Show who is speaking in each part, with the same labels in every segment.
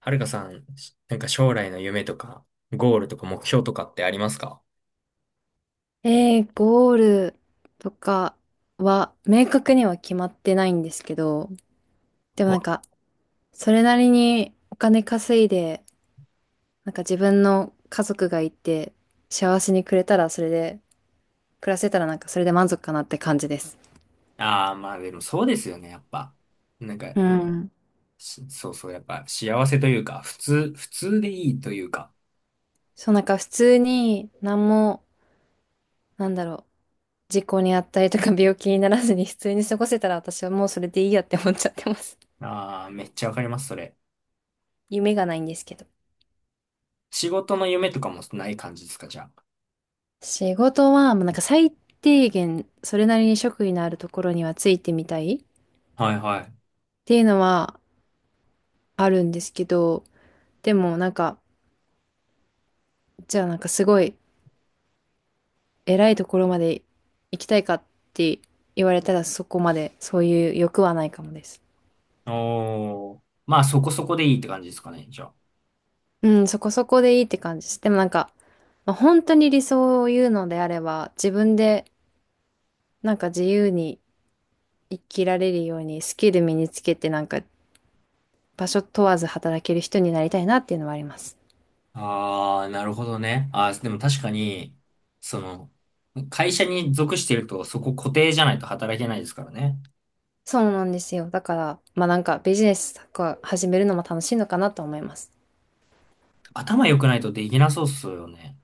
Speaker 1: はるかさん、将来の夢とか、ゴールとか目標とかってありますか？
Speaker 2: ゴールとかは明確には決まってないんですけど、でもなんか、それなりにお金稼いで、自分の家族がいて、幸せにくれたらそれで、暮らせたらそれで満足かなって感じです。
Speaker 1: ああー、まあでもそうですよね、やっぱ。なんか、
Speaker 2: うん。
Speaker 1: そうそう、やっぱ幸せというか、普通、普通でいいというか。
Speaker 2: そう普通に何も、なんだろう、事故にあったりとか病気にならずに普通に過ごせたら私はもうそれでいいやって思っちゃってます。
Speaker 1: ああ、めっちゃわかります、それ。
Speaker 2: 夢がないんですけど。
Speaker 1: 仕事の夢とかもない感じですか、じゃ
Speaker 2: 仕事は、まあ、最低限、それなりに職位のあるところにはついてみたいっ
Speaker 1: あ。はいはい。
Speaker 2: ていうのはあるんですけど、でもなんか、じゃあすごい偉いところまで行きたいかって言われたらそこまでそういう欲はないかもです。
Speaker 1: おー。まあそこそこでいいって感じですかね、じゃあ。
Speaker 2: うん、そこそこでいいって感じです。でもなんか、まあ、本当に理想を言うのであれば、自分で自由に生きられるようにスキル身につけて場所問わず働ける人になりたいなっていうのはあります。
Speaker 1: ああ、なるほどね。ああ、でも確かに、その、会社に属してるとそこ固定じゃないと働けないですからね。
Speaker 2: そうなんですよ。だから、まあビジネスとか始めるのも楽しいのかなと思います。
Speaker 1: 頭良くないとできなそうっすよね。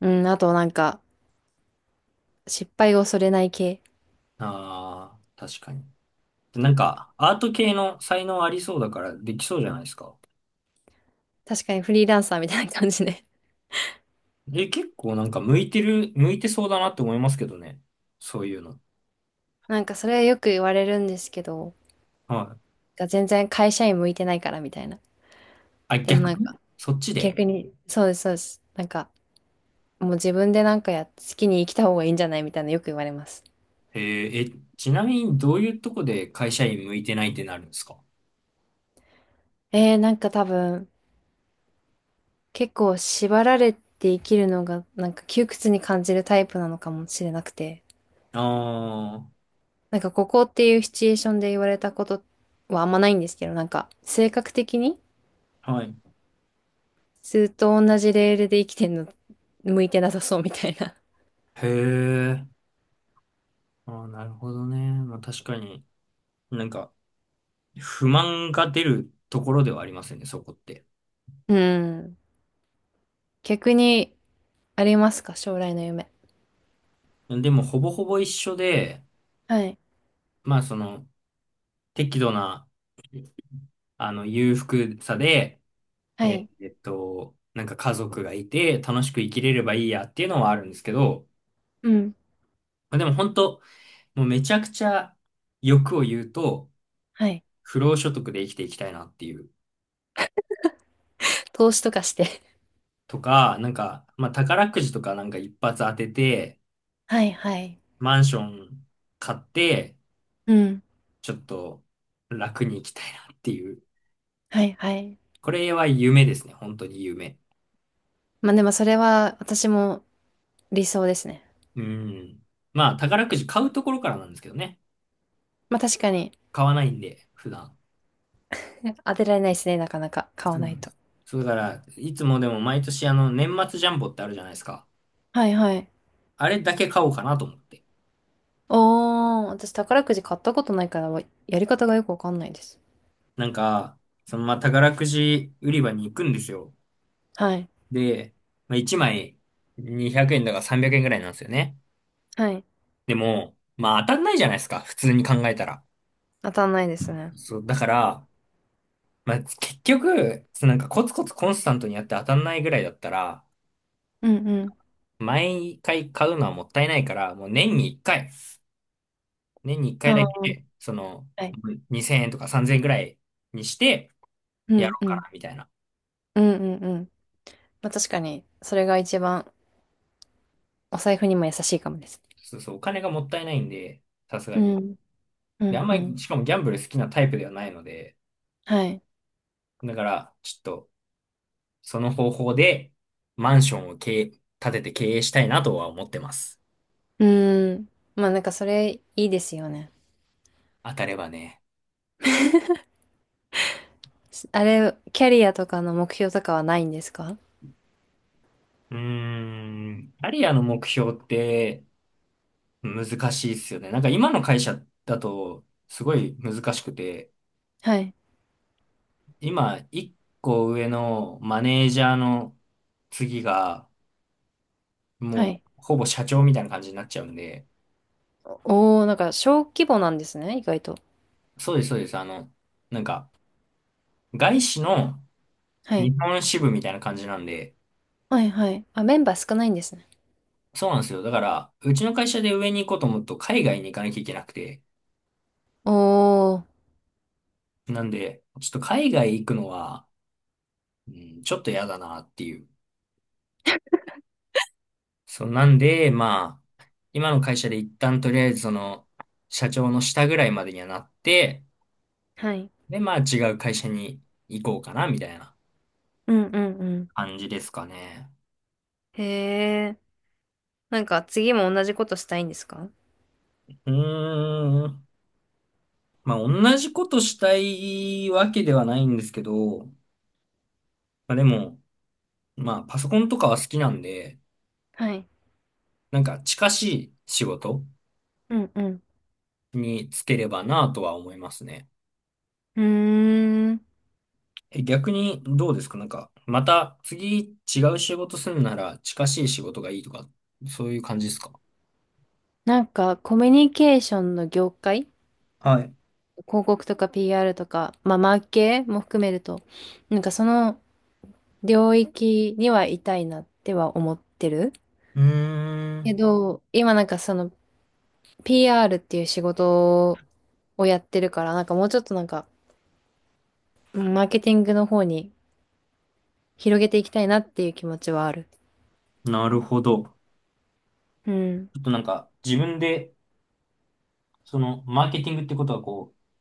Speaker 2: うん、あと失敗を恐れない系。
Speaker 1: ああ、確かに。アート系の才能ありそうだからできそうじゃないですか。
Speaker 2: 確かにフリーランサーみたいな感じで。
Speaker 1: え、結構向いてる、向いてそうだなって思いますけどね。そういうの。
Speaker 2: それはよく言われるんですけど、
Speaker 1: はい。
Speaker 2: 全然会社員向いてないからみたいな。
Speaker 1: あ、
Speaker 2: でも
Speaker 1: 逆
Speaker 2: なん
Speaker 1: に
Speaker 2: か
Speaker 1: そっちで。
Speaker 2: 逆に、そうです、そうです。もう自分でなんかや、好きに生きた方がいいんじゃないみたいなよく言われます。
Speaker 1: えーえ、ちなみにどういうとこで会社員向いてないってなるんですか？
Speaker 2: 多分結構縛られて生きるのが窮屈に感じるタイプなのかもしれなくて。
Speaker 1: あ
Speaker 2: ここっていうシチュエーションで言われたことはあんまないんですけど、性格的に
Speaker 1: あー、はい。
Speaker 2: ずっと同じレールで生きてんの向いてなさそうみたいな。
Speaker 1: へえ。あー、なるほどね。まあ確かに、なんか、不満が出るところではありますよね、そこって。
Speaker 2: うん。逆にありますか将来の夢。
Speaker 1: でも、ほぼほぼ一緒で、
Speaker 2: はい。
Speaker 1: まあ、その、適度な、あの、裕福さで、
Speaker 2: はい。
Speaker 1: 家族がいて、楽しく生きれればいいやっていうのはあるんですけど、
Speaker 2: うん。
Speaker 1: まあでも本当、もうめちゃくちゃ欲を言うと、
Speaker 2: はい。
Speaker 1: 不労所得で生きていきたいなっていう。
Speaker 2: 投資とかして。
Speaker 1: とか、まあ宝くじとか一発当てて、
Speaker 2: はいはい。
Speaker 1: マンション買って、
Speaker 2: うん。
Speaker 1: ちょっと楽に生きたいなっていう。
Speaker 2: はいはい。
Speaker 1: これは夢ですね、本当に夢。
Speaker 2: まあでもそれは私も理想ですね。
Speaker 1: うん。まあ、宝くじ買うところからなんですけどね。
Speaker 2: まあ確かに。
Speaker 1: 買わないんで、普段。
Speaker 2: 当てられないですね、なかなか買わ
Speaker 1: そう
Speaker 2: な
Speaker 1: な
Speaker 2: い
Speaker 1: んで
Speaker 2: と。
Speaker 1: す。そうだから、いつもでも毎年あの、年末ジャンボってあるじゃないですか。
Speaker 2: はいはい。
Speaker 1: あれだけ買おうかなと思って。
Speaker 2: おー、私宝くじ買ったことないから、やり方がよくわかんないです。
Speaker 1: なんか、そのまあ、宝くじ売り場に行くんですよ。
Speaker 2: はい。
Speaker 1: で、まあ、1枚200円だから300円ぐらいなんですよね。
Speaker 2: はい。
Speaker 1: でも、まあ当たんないじゃないですか。普通に考えたら。
Speaker 2: 当たんないですね。
Speaker 1: そう、だから、まあ結局、そのコツコツコンスタントにやって当たんないぐらいだったら、
Speaker 2: うんうん。
Speaker 1: 毎回買うのはもったいないから、もう年に1回、年に1回
Speaker 2: あ
Speaker 1: だ
Speaker 2: ー、
Speaker 1: け、その、
Speaker 2: はい。
Speaker 1: 2000円とか3000円ぐらいにして
Speaker 2: う
Speaker 1: や
Speaker 2: ん
Speaker 1: ろう
Speaker 2: う
Speaker 1: か
Speaker 2: ん。
Speaker 1: な、みたいな。
Speaker 2: うんうんうん。まあ確かに、それが一番お財布にも優しいかもです。
Speaker 1: そうそう、お金がもったいないんで、さすが
Speaker 2: う
Speaker 1: に。
Speaker 2: ん。う
Speaker 1: で、あ
Speaker 2: ん
Speaker 1: んま
Speaker 2: う
Speaker 1: り、
Speaker 2: ん。
Speaker 1: しかもギャンブル好きなタイプではないので、
Speaker 2: はい。
Speaker 1: だから、ちょっと、その方法で、マンションを経営、建てて経営したいなとは思ってます。
Speaker 2: うーん。まあそれいいですよね。
Speaker 1: 当たればね。
Speaker 2: あれ、キャリアとかの目標とかはないんですか？
Speaker 1: うーん、アリアの目標って、難しいっすよね。なんか今の会社だとすごい難しくて、
Speaker 2: はい。
Speaker 1: 今一個上のマネージャーの次が
Speaker 2: は
Speaker 1: もう
Speaker 2: い。
Speaker 1: ほぼ社長みたいな感じになっちゃうんで、
Speaker 2: おお、なんか小規模なんですね、意外と。
Speaker 1: そうです、そうです。あの、なんか外資の
Speaker 2: はい。
Speaker 1: 日本支部みたいな感じなんで、
Speaker 2: はいはい。あ、メンバー少ないんですね。
Speaker 1: そうなんですよ。だから、うちの会社で上に行こうと思うと海外に行かなきゃいけなくて、
Speaker 2: お、
Speaker 1: なんで、ちょっと海外行くのは、うん、ちょっと嫌だなっていう。そう、なんで、まあ、今の会社で一旦とりあえずその、社長の下ぐらいまでにはなって、
Speaker 2: はい。
Speaker 1: で、まあ違う会社に行こうかな、みたいな
Speaker 2: うんうんうん。
Speaker 1: 感じですかね。
Speaker 2: へえ。なんか次も同じことしたいんですか？
Speaker 1: うーん。まあ同じことしたいわけではないんですけど、あでも、まあパソコンとかは好きなんで、
Speaker 2: はい。
Speaker 1: なんか近しい仕事
Speaker 2: うんうん。
Speaker 1: に就ければなとは思いますね。
Speaker 2: うーん。
Speaker 1: え、逆にどうですかなんか、また次違う仕事するなら近しい仕事がいいとか、そういう感じですか？
Speaker 2: なんか、コミュニケーションの業界、
Speaker 1: はい。
Speaker 2: 広告とか PR とか、まあ、マーケも含めると、その領域にはいたいなっては思ってる。
Speaker 1: うー
Speaker 2: け
Speaker 1: ん。
Speaker 2: ど、今その PR っていう仕事をやってるから、もうちょっとうんマーケティングの方に広げていきたいなっていう気持ちはある。
Speaker 1: なるほど。ち
Speaker 2: うん。
Speaker 1: ょっとなんか自分で、そのマーケティングってことはこう、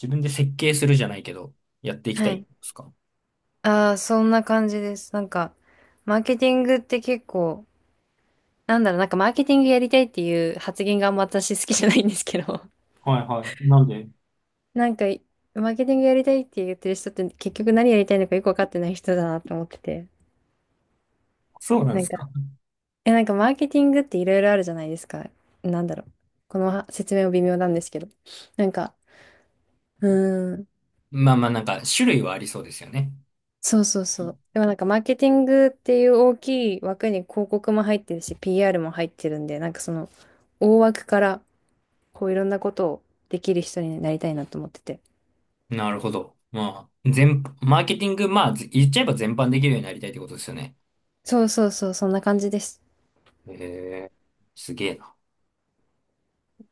Speaker 1: 自分で設計するじゃないけど、やっていきた
Speaker 2: は
Speaker 1: いで
Speaker 2: い。
Speaker 1: すか？
Speaker 2: ああ、そんな感じです。なんか、マーケティングって結構、マーケティングやりたいっていう発言があんま私好きじゃないんですけど、
Speaker 1: はいはい。なんで、
Speaker 2: なんか、マーケティングやりたいって言ってる人って結局何やりたいのかよくわかってない人だなと思ってて。
Speaker 1: そうなん
Speaker 2: な
Speaker 1: で
Speaker 2: ん
Speaker 1: す
Speaker 2: か、
Speaker 1: か？
Speaker 2: え、なんかマーケティングっていろいろあるじゃないですか。なんだろう。このは説明も微妙なんですけど。なんか、うーん、
Speaker 1: まあまあなんか種類はありそうですよね。
Speaker 2: そうそうそう。でもマーケティングっていう大きい枠に広告も入ってるし、PR も入ってるんで、大枠から、こういろんなことをできる人になりたいなと思ってて。
Speaker 1: なるほど。まあ、全、マーケティング、まあ、言っちゃえば全般できるようになりたいってことですよね。
Speaker 2: そうそうそう、そんな感じです。
Speaker 1: へえ、すげえな。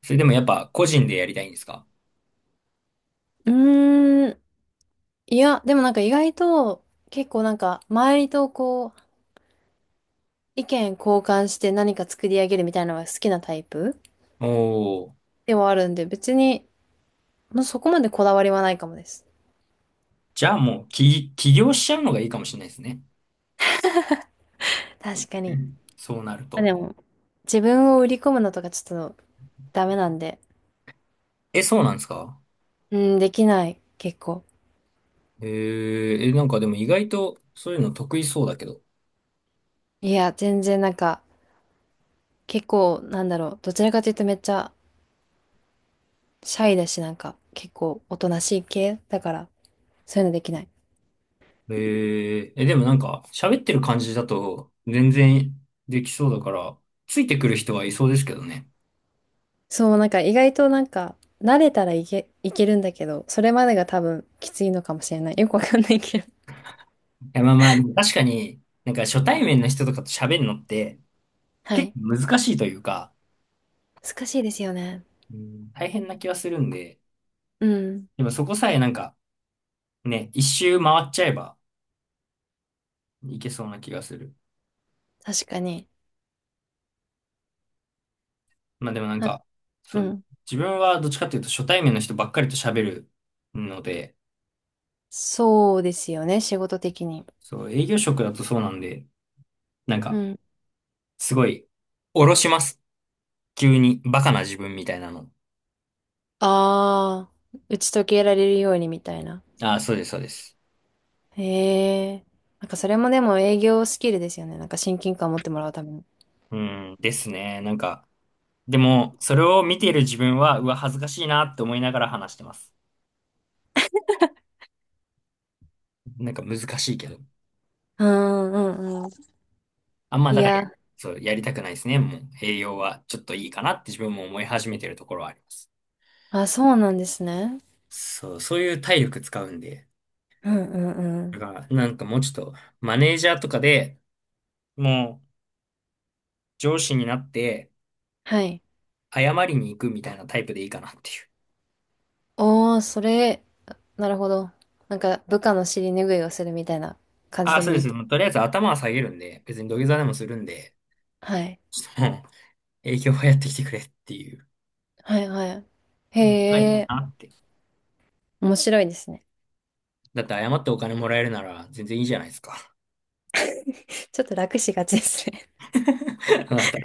Speaker 1: それでもやっぱ個人でやりたいんですか？
Speaker 2: うーん、いや、でも意外と結構周りとこう意見交換して何か作り上げるみたいなのが好きなタイプ
Speaker 1: おー。
Speaker 2: ではあるんで別にもうそこまでこだわりはないかもです。
Speaker 1: じゃあもう起業しちゃうのがいいかもしれないですね。
Speaker 2: 確かに。
Speaker 1: そうなる
Speaker 2: まあ
Speaker 1: と。
Speaker 2: でも自分を売り込むのとかちょっとダメなんで、
Speaker 1: え、そうなんですか？
Speaker 2: うん、できない、結構。
Speaker 1: えー、え、なんかでも意外とそういうの得意そうだけど。
Speaker 2: いや、全然結構どちらかというとめっちゃシャイだし、結構おとなしい系だから、そういうのできない。
Speaker 1: えー、え、でもなんか喋ってる感じだと全然できそうだから、ついてくる人はいそうですけどね。
Speaker 2: そう、意外と慣れたらいけるんだけど、それまでが多分きついのかもしれない。よくわかんないけど。
Speaker 1: いや、まあまあ、でも確かになんか初対面の人とかと喋るのって
Speaker 2: は
Speaker 1: 結
Speaker 2: い。
Speaker 1: 構難しいというか、
Speaker 2: 難しいですよね。
Speaker 1: うん、大変な気はするんで、
Speaker 2: うん。
Speaker 1: でもそこさえなんかね、一周回っちゃえば、いけそうな気がする。
Speaker 2: 確かに。
Speaker 1: まあでもなん
Speaker 2: は、
Speaker 1: か、そ
Speaker 2: う
Speaker 1: う、
Speaker 2: ん。
Speaker 1: 自分はどっちかっていうと初対面の人ばっかりと喋るので、
Speaker 2: そうですよね、仕事的に。
Speaker 1: そう、営業職だとそうなんで、なん
Speaker 2: う
Speaker 1: か、
Speaker 2: ん。
Speaker 1: すごい、おろします。急に、バカな自分みたいなの。
Speaker 2: ああ、打ち解けられるようにみたいな。
Speaker 1: ああ、そうです、そうです。
Speaker 2: へえ。それもでも営業スキルですよね。なんか親近感持ってもらうために。
Speaker 1: うん、ですね。でも、それを見ている自分は、うわ、恥ずかしいなって思いながら話してます。なんか難しいけど。
Speaker 2: うんうんうん。
Speaker 1: あんま、
Speaker 2: い
Speaker 1: だから、
Speaker 2: や、
Speaker 1: そう、やりたくないですね。もう、栄養はちょっといいかなって自分も思い始めてるところはあります。
Speaker 2: あ、そうなんですね。
Speaker 1: そう、そういう体力使うんで、
Speaker 2: うんうんう
Speaker 1: だ
Speaker 2: ん。
Speaker 1: から、なんかもうちょっと、マネージャーとかでもう上司になって
Speaker 2: はい。
Speaker 1: 謝りに行くみたいなタイプでいいかなっていう。
Speaker 2: おー、それ、なるほど。なんか、部下の尻拭いをするみたいな感じで
Speaker 1: あそ
Speaker 2: も
Speaker 1: う
Speaker 2: い
Speaker 1: で
Speaker 2: いっ
Speaker 1: す。
Speaker 2: て。
Speaker 1: もうとりあえず頭は下げるんで、別に土下座でもするんで、
Speaker 2: はい。
Speaker 1: ちょっともう営業はやってきてくれっていう。
Speaker 2: はいはい。へ
Speaker 1: うんがいい
Speaker 2: え、
Speaker 1: なって。
Speaker 2: 面白いですね。
Speaker 1: だって謝ってお金もらえるなら全然いいじゃないですか。
Speaker 2: ちょっと楽しがちですね
Speaker 1: あなた